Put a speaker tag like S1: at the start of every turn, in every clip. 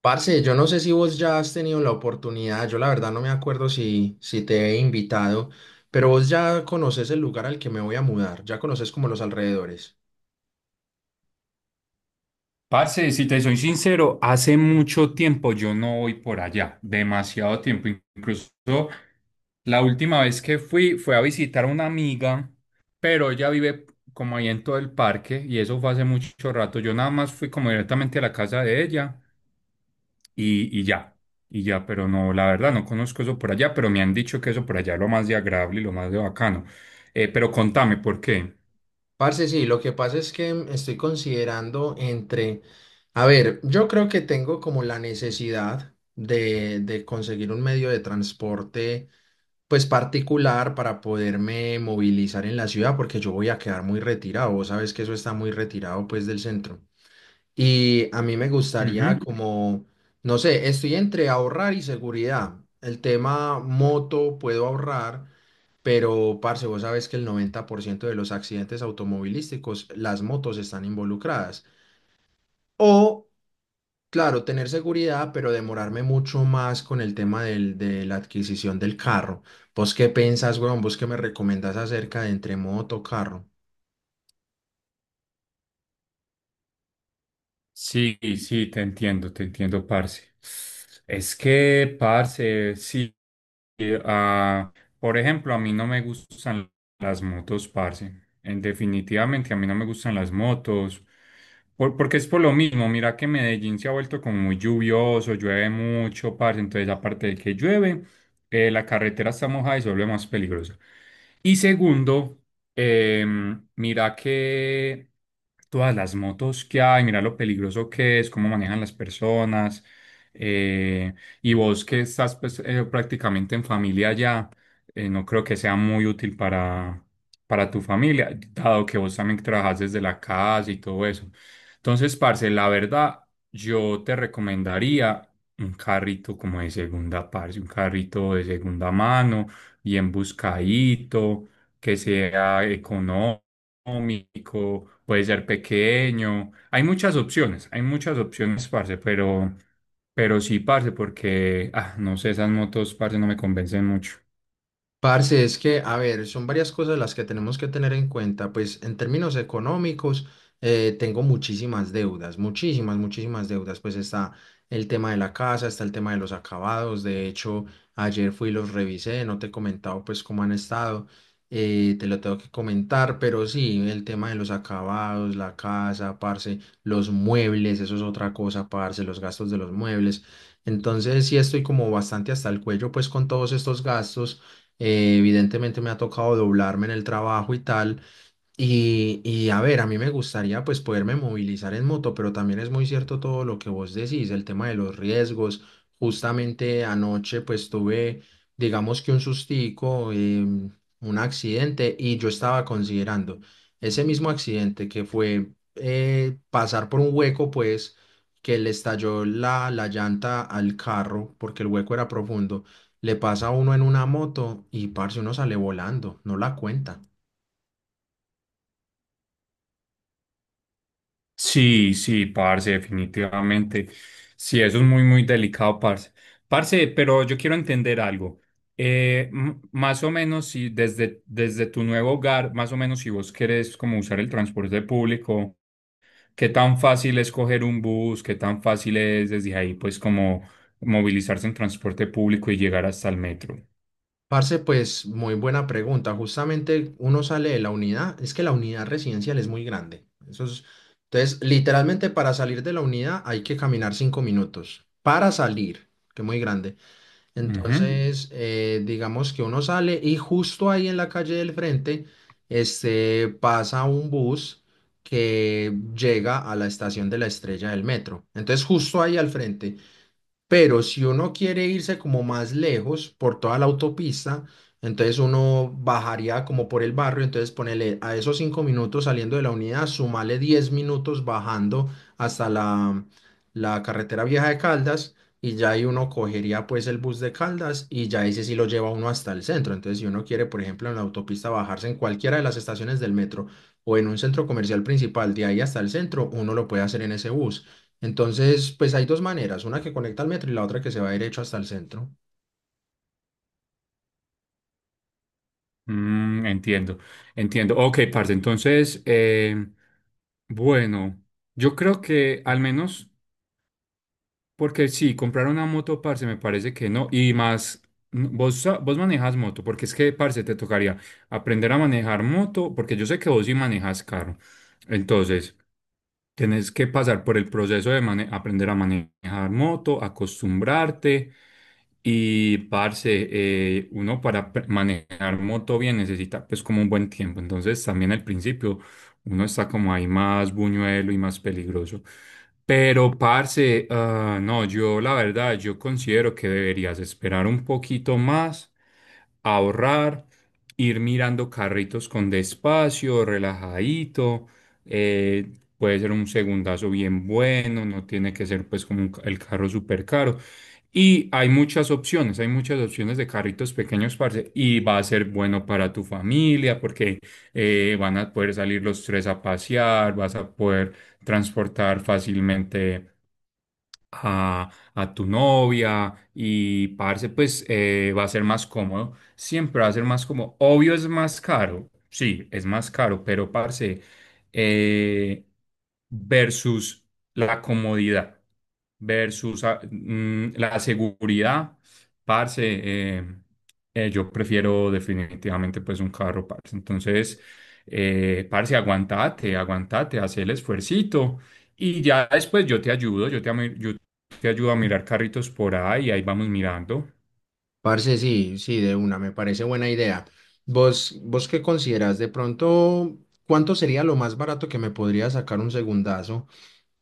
S1: Parce, yo no sé si vos ya has tenido la oportunidad, yo la verdad no me acuerdo si te he invitado, pero vos ya conoces el lugar al que me voy a mudar, ya conoces como los alrededores.
S2: Parce, si te soy sincero, hace mucho tiempo yo no voy por allá, demasiado tiempo. Incluso la última vez que fui fue a visitar a una amiga, pero ella vive como ahí en todo el parque y eso fue hace mucho rato. Yo nada más fui como directamente a la casa de ella y ya, y ya, pero no, la verdad no conozco eso por allá, pero me han dicho que eso por allá es lo más de agradable y lo más de bacano. Pero contame, ¿por qué?
S1: Parce, sí, lo que pasa es que estoy considerando entre, a ver, yo creo que tengo como la necesidad de conseguir un medio de transporte pues particular para poderme movilizar en la ciudad porque yo voy a quedar muy retirado, vos sabes que eso está muy retirado pues del centro. Y a mí me gustaría
S2: Ujú.
S1: como, no sé, estoy entre ahorrar y seguridad. El tema moto puedo ahorrar, pero parce, vos sabes que el 90% de los accidentes automovilísticos, las motos están involucradas. O, claro, tener seguridad, pero demorarme mucho más con el tema de la adquisición del carro. ¿Vos qué pensás, weón? ¿Vos qué me recomendás acerca de entre moto, carro?
S2: Sí, sí, te entiendo, parce. Es que, parce, sí, eh, ah, por ejemplo, a mí no me gustan las motos, parce. En definitivamente a mí no me gustan las motos, porque es por lo mismo. Mira que Medellín se ha vuelto como muy lluvioso, llueve mucho, parce. Entonces, aparte de que llueve, la carretera está mojada y se vuelve más peligrosa. Y segundo, eh, mira que todas las motos que hay, mira lo peligroso que es, cómo manejan las personas. eh, y vos que estás pues, prácticamente en familia ya, no creo que sea muy útil para tu familia, dado que vos también trabajas desde la casa y todo eso. Entonces, parce, la verdad, yo te recomendaría un carrito como de segunda parte, un carrito de segunda mano, bien buscadito, que sea económico, puede ser pequeño. Hay muchas opciones, parce, pero sí, parce, porque, ah, no sé, esas motos, parce, no me convencen mucho.
S1: Parce, es que, a ver, son varias cosas las que tenemos que tener en cuenta. Pues en términos económicos, tengo muchísimas deudas, muchísimas, muchísimas deudas. Pues está el tema de la casa, está el tema de los acabados. De hecho, ayer fui y los revisé, no te he comentado pues cómo han estado. Te lo tengo que comentar, pero sí, el tema de los acabados, la casa, parce, los muebles, eso es otra cosa, parce, los gastos de los muebles. Entonces, sí estoy como bastante hasta el cuello pues con todos estos gastos, evidentemente me ha tocado doblarme en el trabajo y tal, y a ver, a mí me gustaría pues poderme movilizar en moto, pero también es muy cierto todo lo que vos decís, el tema de los riesgos. Justamente anoche pues tuve, digamos que un sustico, un accidente, y yo estaba considerando ese mismo accidente que fue, pasar por un hueco pues que le estalló la llanta al carro porque el hueco era profundo, le pasa a uno en una moto y parce uno sale volando, no la cuenta.
S2: Sí, sí, parce, definitivamente. Sí, eso es muy, muy delicado, parce. Parce, pero yo quiero entender algo. Más o menos, si desde tu nuevo hogar, más o menos si vos querés como usar el transporte público, ¿qué tan fácil es coger un bus? ¿Qué tan fácil es desde ahí, pues, como movilizarse en transporte público y llegar hasta el metro?
S1: Parce, pues muy buena pregunta. Justamente uno sale de la unidad, es que la unidad residencial es muy grande. Entonces, literalmente para salir de la unidad hay que caminar 5 minutos. Para salir, que muy grande.
S2: Ujú.
S1: Entonces, digamos que uno sale y justo ahí en la calle del frente, pasa un bus que llega a la estación de la Estrella del Metro. Entonces, justo ahí al frente. Pero si uno quiere irse como más lejos por toda la autopista, entonces uno bajaría como por el barrio, entonces ponele a esos 5 minutos saliendo de la unidad, sumale 10 minutos bajando hasta la carretera vieja de Caldas, y ya ahí uno cogería pues el bus de Caldas y ya ese sí lo lleva uno hasta el centro. Entonces, si uno quiere, por ejemplo, en la autopista bajarse en cualquiera de las estaciones del metro o en un centro comercial principal de ahí hasta el centro, uno lo puede hacer en ese bus. Entonces, pues hay dos maneras, una que conecta al metro y la otra que se va derecho hasta el centro.
S2: Mm, entiendo, entiendo. Ok, parce, entonces, bueno, yo creo que al menos... Porque sí, comprar una moto, parce, me parece que no. Y más, vos, vos manejas moto, porque es que, parce, te tocaría aprender a manejar moto, porque yo sé que vos sí manejas carro. Entonces, tenés que pasar por el proceso de aprender a manejar moto, acostumbrarte. Y, parce, uno para manejar moto bien necesita, pues, como un buen tiempo. Entonces, también al principio uno está como ahí más buñuelo y más peligroso. Pero, parce, no, yo la verdad, yo considero que deberías esperar un poquito más, ahorrar, ir mirando carritos con despacio, relajadito, eh, puede ser un segundazo bien bueno, no tiene que ser pues como un el carro súper caro. Y hay muchas opciones de carritos pequeños, parce, y va a ser bueno para tu familia porque van a poder salir los tres a pasear, vas a poder transportar fácilmente a tu novia y parce, pues va a ser más cómodo. Siempre va a ser más cómodo. Obvio es más caro, sí, es más caro, pero parce, eh, versus la comodidad, versus la seguridad, parce, eh, yo prefiero definitivamente pues un carro, parce. Entonces, parce, aguantate, aguantate, haz el esfuercito. Y ya después yo te ayudo, yo te, yo te ayudo a mirar carritos por ahí y ahí vamos mirando.
S1: Parce, sí, sí, de una, me parece buena idea. ¿Vos qué consideras? De pronto, ¿cuánto sería lo más barato que me podría sacar un segundazo?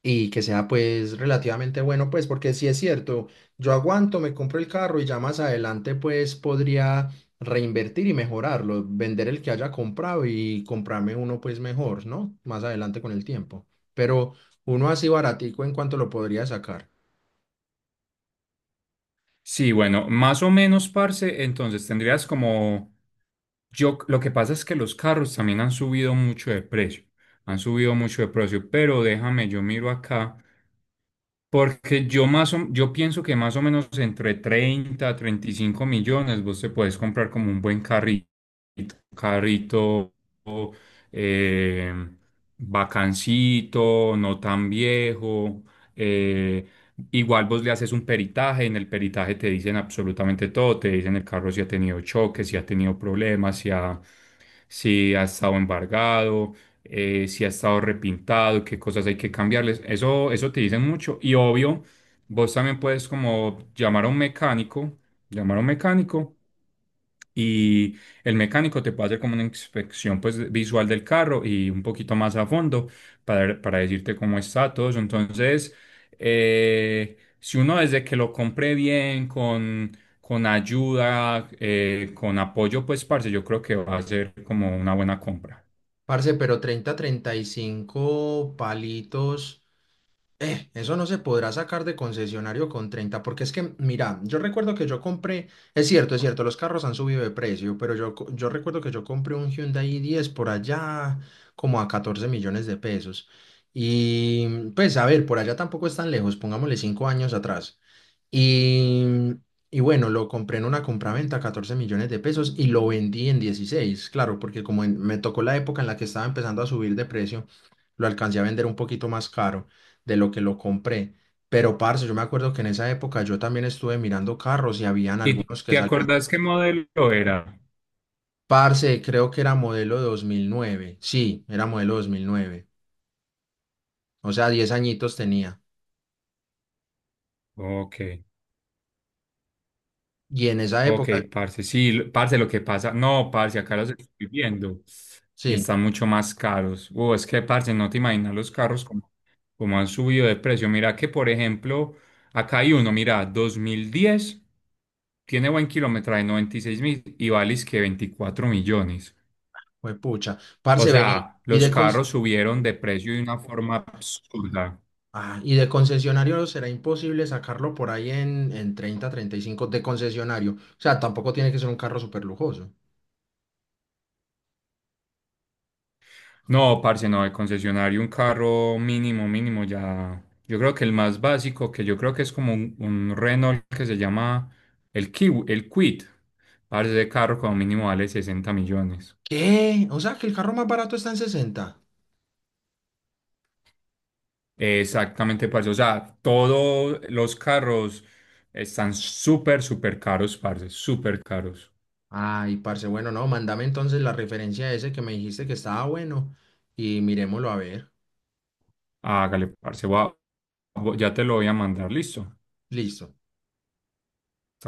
S1: Y que sea pues relativamente bueno, pues porque si es cierto, yo aguanto, me compro el carro y ya más adelante pues podría reinvertir y mejorarlo, vender el que haya comprado y comprarme uno pues mejor, ¿no? Más adelante con el tiempo. Pero uno así baratico, en cuanto lo podría sacar.
S2: Sí, bueno, más o menos, parce, entonces tendrías como... Yo, lo que pasa es que los carros también han subido mucho de precio, han subido mucho de precio, pero déjame, yo miro acá, porque yo yo pienso que más o menos entre 30 a 35 millones vos te puedes comprar como un buen carrito, carrito eh, bacancito, no tan viejo. eh, Igual vos le haces un peritaje, en el peritaje te dicen absolutamente todo, te dicen el carro si ha tenido choques, si ha tenido problemas, si ha estado embargado, si ha estado repintado, qué cosas hay que cambiarles. Eso te dicen mucho. Y obvio, vos también puedes como llamar a un mecánico, llamar a un mecánico y el mecánico te puede hacer como una inspección pues visual del carro y un poquito más a fondo para decirte cómo está todo eso. Entonces, si uno desde que lo compré bien, con ayuda, con apoyo, pues parce, yo creo que va a ser como una buena compra.
S1: Parce, pero 30, 35 palitos. Eso no se podrá sacar de concesionario con 30, porque es que, mira, yo recuerdo que yo compré, es cierto, los carros han subido de precio, pero yo, yo recuerdo que yo compré un Hyundai i10 por allá como a 14 millones de pesos. Y pues, a ver, por allá tampoco es tan lejos, pongámosle 5 años atrás. Y, y, bueno, lo compré en una compraventa, 14 millones de pesos, y lo vendí en 16, claro, porque me tocó la época en la que estaba empezando a subir de precio, lo alcancé a vender un poquito más caro de lo que lo compré. Pero, parce, yo me acuerdo que en esa época yo también estuve mirando carros y habían
S2: ¿Y
S1: algunos que
S2: te
S1: salían.
S2: acordás qué modelo era?
S1: Parce, creo que era modelo 2009. Sí, era modelo 2009. O sea, 10 añitos tenía.
S2: Ok.
S1: Y en esa
S2: Ok,
S1: época,
S2: parce, sí, parce, lo que pasa, no, parce, acá los estoy viendo y
S1: sí,
S2: están mucho más caros. Es que, parce, no te imaginas los carros como, como han subido de precio. Mira que, por ejemplo, acá hay uno, mira, 2010, tiene buen kilometraje, 96.000 y vale es que 24 millones.
S1: fue pucha.
S2: O
S1: Parce, vení.
S2: sea,
S1: Y
S2: los
S1: de, cons-
S2: carros subieron de precio de una forma absurda.
S1: ah, y de concesionario será imposible sacarlo por ahí en, 30, 35 de concesionario. O sea, tampoco tiene que ser un carro súper lujoso.
S2: No, parce, no, el concesionario, un carro mínimo, mínimo, ya. Yo creo que el más básico, que yo creo que es como un Renault que se llama el Kiwi, el Quid, parce, ese carro como mínimo vale 60 millones.
S1: ¿Qué? O sea, que el carro más barato está en 60.
S2: Exactamente, parce. O sea, todos los carros están súper, súper caros, parce, súper caros.
S1: Ay, parce, bueno, no, mándame entonces la referencia ese que me dijiste que estaba bueno y miremoslo a ver.
S2: Hágale, parce, ya te lo voy a mandar, listo.
S1: Listo.